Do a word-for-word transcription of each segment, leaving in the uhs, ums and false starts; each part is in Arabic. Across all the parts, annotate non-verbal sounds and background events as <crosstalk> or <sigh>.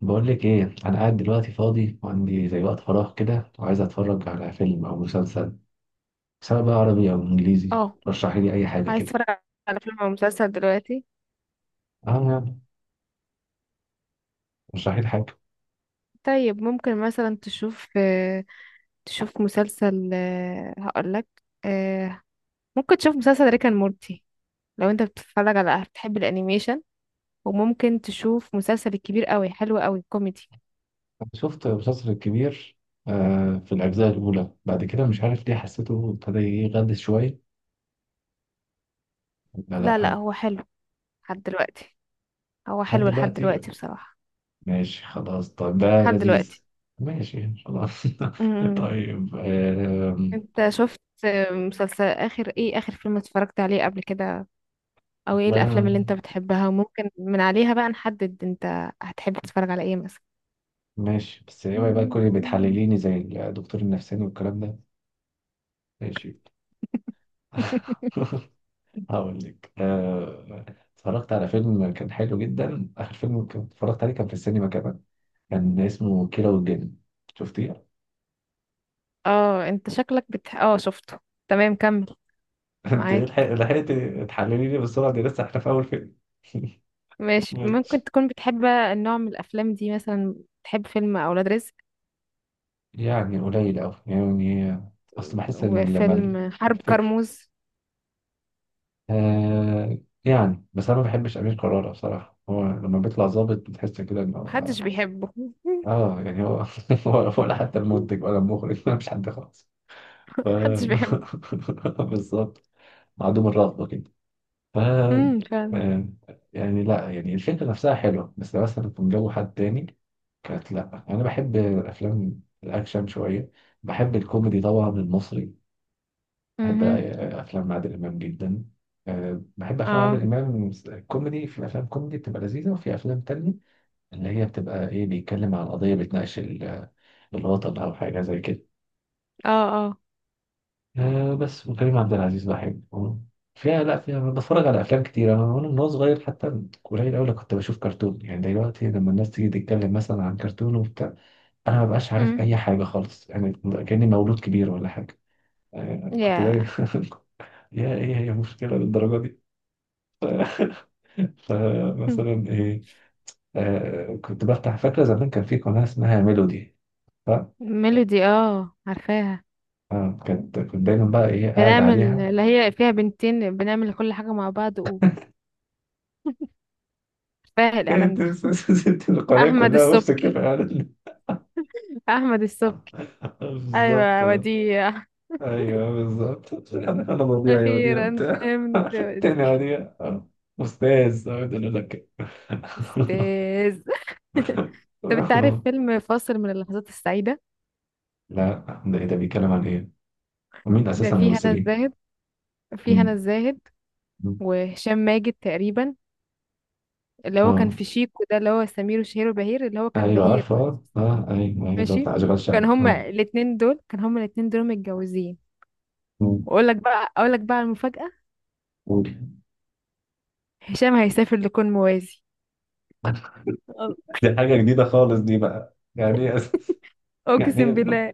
بقول لك ايه، انا قاعد دلوقتي فاضي وعندي زي وقت فراغ كده وعايز اتفرج على فيلم او مسلسل، سواء بقى عربي او انجليزي. اه، رشحي لي اي حاجه عايز كده. اتفرج على فيلم او مسلسل دلوقتي. اه يعني، رشحي لي حاجه. طيب ممكن مثلا تشوف آه، تشوف مسلسل آه، هقولك آه، ممكن تشوف مسلسل ريك اند مورتي لو انت بتتفرج على بتحب الانيميشن. وممكن تشوف مسلسل الكبير قوي، حلو قوي كوميدي. أنا شفت مسلسل الكبير آه في الاجزاء الاولى، بعد كده مش عارف ليه حسيته ابتدى يغلس شويه. لا لا، لا، لا، آه، هو حلو لحد دلوقتي. هو لحد حلو لحد دلوقتي. دلوقتي بصراحة، ماشي خلاص. طيب ده لحد دلوقتي. لذيذ. ماشي خلاص. م- <laughs> م. طيب آه انت شفت آه، مسلسل اخر ايه اخر فيلم اتفرجت عليه قبل كده؟ او ايه والله الافلام اللي انت أنا- بتحبها وممكن من عليها بقى نحدد انت هتحب تتفرج على ايه مثلا؟ ماشي، بس اوعي بقى تكوني بتحلليني زي الدكتور النفساني والكلام ده. ماشي. <laughs> <laughs> هقول لك آه، اتفرجت على فيلم كان حلو جدا. اخر فيلم كنت اتفرجت عليه كان في السينما كمان. كان اسمه كيرة والجن. شفتيه؟ اه، انت شكلك بتح... اه شفته. تمام، كمل. <laughs> انت إيه، لحق- معاك. لحقتي تحللي لي بالسرعه دي، لسه احنا في اول فيلم. <laughs> ماشي، ممكن ماشي. تكون بتحب النوع من الافلام دي مثلا. بتحب فيلم اولاد رزق يعني قليل أوي يعني. أصل بحس إن لما وفيلم حرب الفكر، كرموز. آه يعني بس أنا ما بحبش أمير كرارة بصراحة. هو لما بيطلع ظابط بتحس كده إنه محدش بيحبه. <laughs> آه يعني هو. <laughs> هو- ولا حتى المنتج ولا المخرج ولا مش حد خالص. ف... محدش بيحبه. <laughs> بالظبط. معدوم الرغبة كده. ف امم فعلا. آه، يعني لا، يعني الفكرة نفسها حلوة بس لو مثلا كان جو حد تاني. كانت لا، أنا بحب الأفلام الأكشن شوية. بحب الكوميدي طبعا المصري. بحب امم. آه، أفلام عادل إمام جدا. آه، بحب أفلام عادل اه. إمام كوميدي. في أفلام كوميدي بتبقى لذيذة، وفي أفلام تانية اللي هي بتبقى إيه بيتكلم عن قضية بتناقش ال- الوطن أو حاجة زي كده. اه. اه. آه بس، وكريم عبد العزيز بحبه فيها. لا، فيها بتفرج على افلام كتير انا، وانا من وأنا صغير حتى قليل قوي كنت بشوف كرتون، يعني دلوقتي لما الناس تيجي تتكلم مثلا عن كرتون وبتاع انا ما بقاش عارف امم. اي حاجه خالص، يعني كاني مولود كبير ولا حاجه. آه كنت يا دايما. <laughs> يا ايه، هي مشكله للدرجه دي؟ فمثلا <laughs> ايه. آه كنت بفتح، فاكره زمان كان في قناه اسمها ميلودي. ف ميلودي، اه، عارفاها. آه كنت كنت دايما بقى ايه قاعد بنعمل عليها. اللي هي فيها بنتين، بنعمل كل حاجة مع بعض، وفاهم <laughs> الإعلان ده. إيه، ست القناه أحمد كلها، وامسك السبكي، تبقى قاعد. أحمد السبكي. <laughs> بالظبط. أيوة وديع. ايوه بالظبط. انا أنا مضيع يا وديع أخيرا وبتاع. فهمت، <laughs> تاني يا وديع. وديع. استاذ، أقعد اقول لك كده. أستاذ. <laughs> طب أنت عارف <laughs> فيلم فاصل من اللحظات السعيدة؟ لا، ده ايه ده، بيتكلم عن ايه؟ ومين ده اساسا فيه هنا الممثلين؟ الزاهد، فيه هنا مم. الزاهد، مم. وهشام ماجد تقريبا، اللي هو كان اه، في شيكو ده، اللي هو سمير وشهير وبهير، اللي هو كان ايوه بهير عارفه، بقى. اه، آه، ايوه، أيوة، اللي هو ماشي. بتاع اشغال كان شقه هما اه. الاتنين دول كان هما الاتنين دول متجوزين. مم. واقول لك بقى اقول لك بقى المفاجأة. قول. هشام هيسافر لكون موازي. أ- دي حاجه جديده خالص، دي بقى يعني ايه أس- يعني اقسم إيه؟ بالله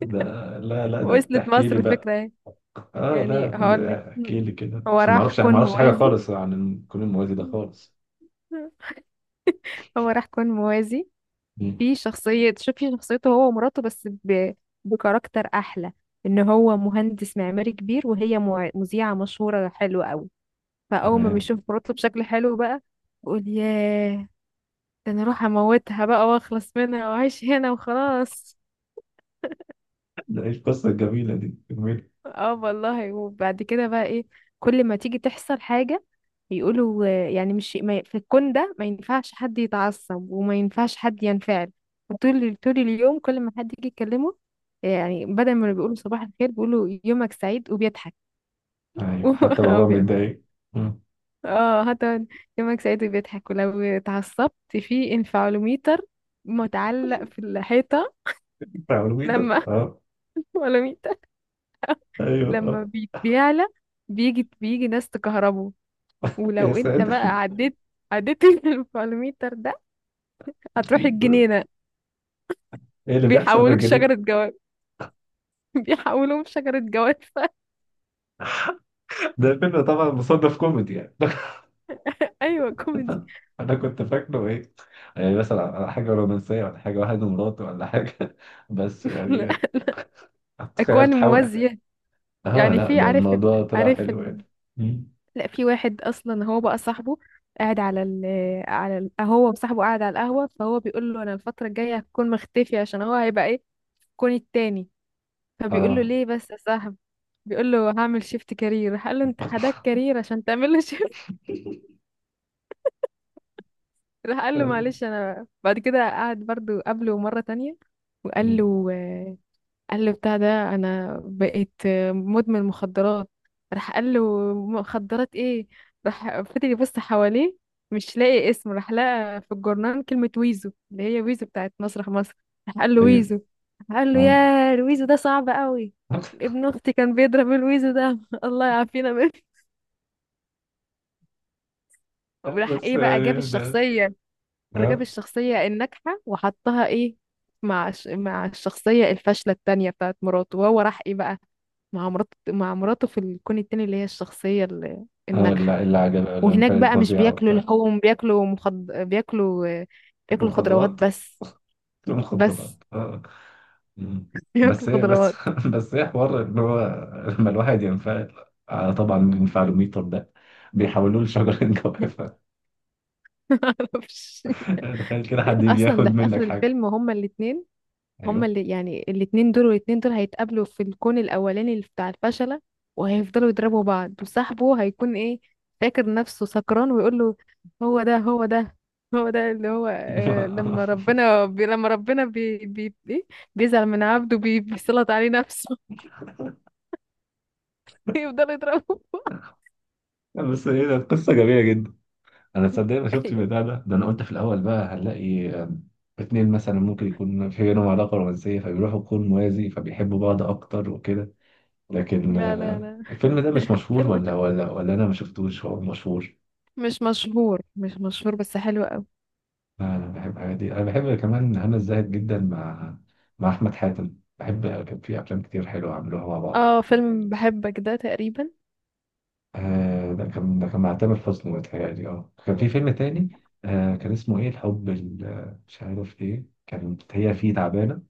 ده لا لا، ده وصلت تحكي مصر. لي بقى. الفكرة ايه؟ اه لا، يعني هقول لك. ده احكي لي كده هو عشان ما راح اعرفش ما كون اعرفش حاجه موازي، خالص عن كل الموازي ده خالص. هو راح كون موازي. مم. في شخصية، شوفي شخصيته هو ومراته، بس ب... بكاركتر احلى. ان هو مهندس معماري كبير، وهي مع- مذيعة مشهورة حلوة قوي. فاول ما تمام. بيشوف مراته بشكل حلو بقى، بيقول، ياه، ده انا اروح اموتها بقى واخلص منها واعيش هنا وخلاص. ده ايه القصه الجميله دي، جميل. اه والله. وبعد كده بقى ايه، كل ما تيجي تحصل حاجة يقولوا آه، يعني مش ما ي- في الكون ده ما ينفعش حد يتعصب وما ينفعش حد ينفعل. وطول طول اليوم، كل ما حد يجي يكلمه آه، يعني بدل ما بيقولوا صباح الخير، بيقولوا يومك سعيد وبيضحك. ايوه حتى <laughs> وهو وبي- متضايق. مم. اه، حتى يومك سعيد وبيضحك، ولو اتعصبت في انفعالوميتر متعلق في الحيطة. بتاع الويتر لما اه. <laughs> انفعالوميتر، ايوه لما اه. بي- بيعلى، بيجي بيجي ناس تكهربه. يا ولو انت بقى ساتر، عديت عديت <laughs> الفالوميتر ده، هتروح الجنينة. ايه اللي بيحصل في بيحولوك الجنيه؟ شجرة جواب بيحولوهم شجرة جواب. <laughs> ده فيلم طبعا مصنف كوميدي يعني. <laughs> ايوه كوميدي. انا كنت فاكره ايه، يعني مثلا على حاجه رومانسيه، ولا حاجه واحد ومراته، ولا حاجه. <laughs> بس لا، يعني تخيل اكوان تحاول. موازية. اه يعني لا، في ده عارف ال... الموضوع طلع عارف حلو ال... يعني. مم. لا، في واحد اصلا هو بقى صاحبه قاعد على ال... على ال... هو وصاحبه قاعد على القهوة، فهو بيقول له، انا الفترة الجاية هكون مختفي عشان هو هيبقى ايه، الكون التاني. فبيقول له، اه. ليه بس يا صاحبي؟ بيقول له، هعمل شيفت كارير. قال له، انت حداك كارير عشان تعمل له؟ <laughs> راح قال له آه. معلش. انا بعد كده قعد برضو قابله مرة تانية، وقال مم. له آه، قال له بتاع ده، انا بقيت آه، مدمن مخدرات. راح قال له، مخدرات ايه؟ راح فضل يبص حواليه، مش لاقي اسم، راح لقى في الجورنال كلمة ويزو، اللي هي ويزو بتاعت مسرح مصر. راح قال له، ايوه ويزو. راح قال له، اه. يا ويزو، ده صعب قوي. ابن اختي كان بيضرب الويزو ده. <laughs> الله يعافينا منه. <laughs> لا، وراح بس ايه بقى، جاب يعني ده الشخصية جاب اه. الشخصية الناجحة وحطها ايه، مع الش- مع الشخصية الفاشلة التانية بتاعت مراته. وهو راح ايه بقى، مع مراته مع مراته في الكون التاني، اللي هي الشخصية ال- آه، الناجحة. اللي اللي عجب لما وهناك كانت بقى مش مذيعة بياكلوا وبتاع. لحوم، بياكلوا مخض... بياكلوا تاكل بياكلوا خضروات مخدرات، بس. تاكل بس. مخدرات اه. مم. <laughs> بس بياكلوا ايه بس. <laughs> خضروات. بس ايه حوار ان هو لما الواحد ينفعل، آه، طبعا الانفعالوميتر ده بيحولوه لشجرة <laughs> جوافة. معرفش. <laughs> تخيل كده حد يجي اصلا ياخد ده في اخر منك حاجة. الفيلم، هما الاتنين، هما ايوه. اللي يعني الاتنين دول والاتنين دول هيتقابلوا في الكون الأولاني اللي بتاع الفشلة، وهيفضلوا يضربوا بعض. وصاحبه هيكون ايه، فاكر نفسه سكران ويقول له، هو ده، هو ده، هو ده اللي هو آه لما <laughs> ربنا بي لما ربنا بي بي إيه؟ بيزعل من عبده، بي بيسلط عليه نفسه. <laughs> يفضل يضربه. بس ايه، ده قصة جميلة جدا. انا تصدق ما شفتش أيوة. البتاع ده ده انا قلت في الاول بقى هنلاقي آم، اتنين مثلا ممكن يكون في بينهم علاقه رومانسيه، فبيروحوا كون موازي فبيحبوا بعض اكتر وكده. لكن لا، لا، آه، لا. الفيلم ده مش <laughs> مشهور فيلم ولا حلو. ولا ولا انا ما شفتوش. هو مشهور؟ مش مشهور، مش مشهور، بس حلو قوي. انا بحب الحاجات دي. انا بحب كمان هنا الزاهد جدا مع مع احمد حاتم، بحب كان في افلام كتير حلوه عملوها مع بعض. اه، فيلم بحبك ده تقريبا. آه، ده كان ده كان مع تامر حسني، متهيألي اه كان في فيلم تاني. آه، كان اسمه ايه، الحب ال- مش عارف ايه، كانت هي فيه تعبانه.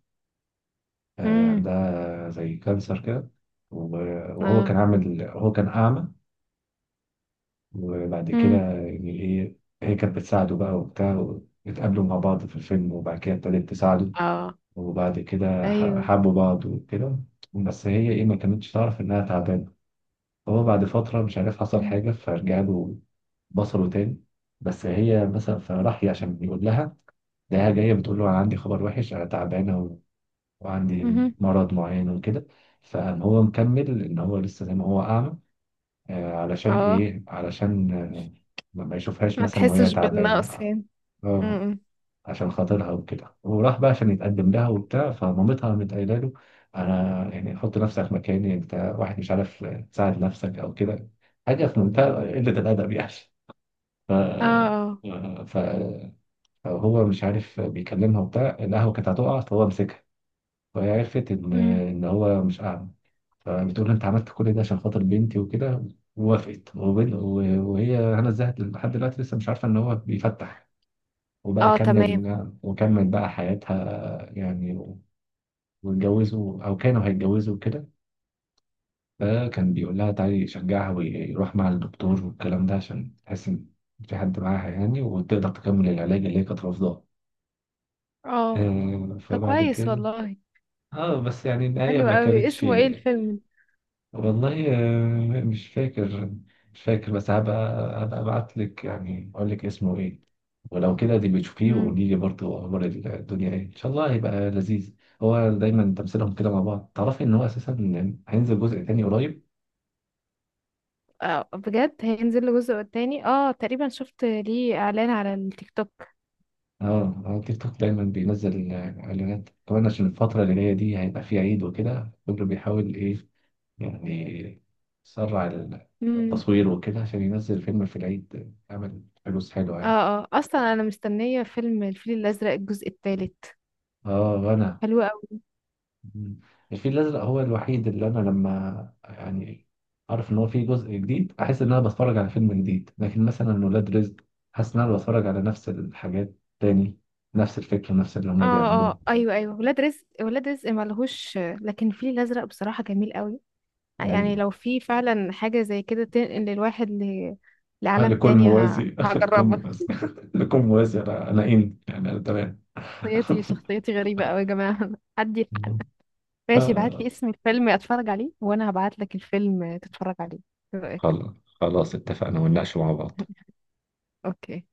آه، امم. عندها زي كانسر كده، و- وهو اه. كان عامل، هو كان أعمى. وبعد كده امم. يعني إيه، هي كانت بتساعده بقى وبتاع. اتقابلوا مع بعض في الفيلم وبعد كده ابتدت تساعده. اه. وبعد كده ح- ايوه. حبوا بعض وكده. بس هي إيه، ما كانتش تعرف إنها تعبانة. هو بعد فترة مش عارف حصل حاجة فرجع له بصره تاني. بس هي مثلا، فراح عشان يقول لها، ده هي جاية بتقول له أنا عندي خبر وحش، أنا تعبانة وعندي مهم. مرض معين وكده. فهو مكمل ان هو لسه زي ما هو اعمى. آه، علشان اه. ايه، علشان آه، ما ما يشوفهاش ما مثلا وهي تحسش بالنقص تعبانه، يعني. آه، امم. عشان خاطرها وكده. وراح بقى عشان يتقدم لها وبتاع، فمامتها قامت قايله له: انا يعني حط نفسك مكاني، انت واحد مش عارف تساعد نفسك او كده، حاجه في منتهى قله الادب يعني. ف اه. اه. ف- فهو مش عارف بيكلمها وبتاع، القهوه كانت هتقع فهو مسكها، وهي عرفت ان مم. ان هو مش اعمى. فبتقول لها: انت عملت كل ده عشان خاطر بنتي وكده. ووافقت وبن- و- وهي هنا الزاهد لحد دلوقتي لسه مش عارفه ان هو بيفتح. وبقى اه، تمام. كمل وكمل بقى حياتها يعني. واتجوزوا او كانوا هيتجوزوا وكده. فكان بيقول لها تعالي، يشجعها ويروح مع الدكتور والكلام ده، عشان تحس ان في حد معاها يعني، وتقدر تكمل العلاج اللي هي كانت رافضاه. اه، آه، ده فبعد كويس كده والله. اه، بس يعني النهاية حلو ما قوي. كانتش. اسمه ايه الفيلم ده؟ والله آه، مش فاكر مش فاكر. بس هبقى هبقى ابعت لك، يعني اقول لك اسمه ايه. ولو كده دي بتشوفيه مم. وقولي لي برضه اخبار الدنيا ايه، ان شاء الله هيبقى لذيذ. هو دايما تمثيلهم كده مع بعض. تعرفي ان هو اساسا هينزل جزء تاني قريب. اه، بجد هينزل له جزء تاني؟ اه تقريبا شفت ليه اعلان على التيك توك. اه على تيك توك دايما بينزل اعلانات، كمان عشان الفترة اللي جاية دي هيبقى فيه عيد وكده، كله بيحاول ايه يعني يسرع امم. التصوير وكده عشان ينزل فيلم في العيد يعمل فلوس حلوة اه. يعني. اه، اصلا انا مستنيه فيلم الفيل الازرق الجزء الثالث. اه وانا. حلو قوي. مم. الفيل الأزرق هو الوحيد اللي أنا لما يعني أعرف إن هو فيه جزء جديد أحس إن أنا بتفرج على فيلم جديد. لكن مثلا ولاد رزق، حاسس إن أنا بتفرج على نفس الحاجات تاني، نفس الفكرة، نفس اللي هما اه. اه. بيعملوه ايوه، ايوه، ولاد رزق، ولاد رزق ملهوش، لكن الفيل الازرق بصراحه جميل قوي. يعني يعني. لو في فعلا حاجة زي كده تنقل الواحد ل... هل لعالم يكون تاني، ه... موازي. <laughs> هل يكون هجربها. موازي. <laughs> <laughs> هل يكون موازي؟ أنا أنا إن يعني أنا تمام. شخصيتي شخصيتي غريبة أوي يا جماعة. <laughs> حد حد. <laughs> ماشي، ابعت لي آه، اسم الفيلم اتفرج عليه، وانا هبعت لك الفيلم تتفرج عليه. ايه رأيك؟ خلاص خلاص، اتفقنا ونناقش مع بعض. اوكي.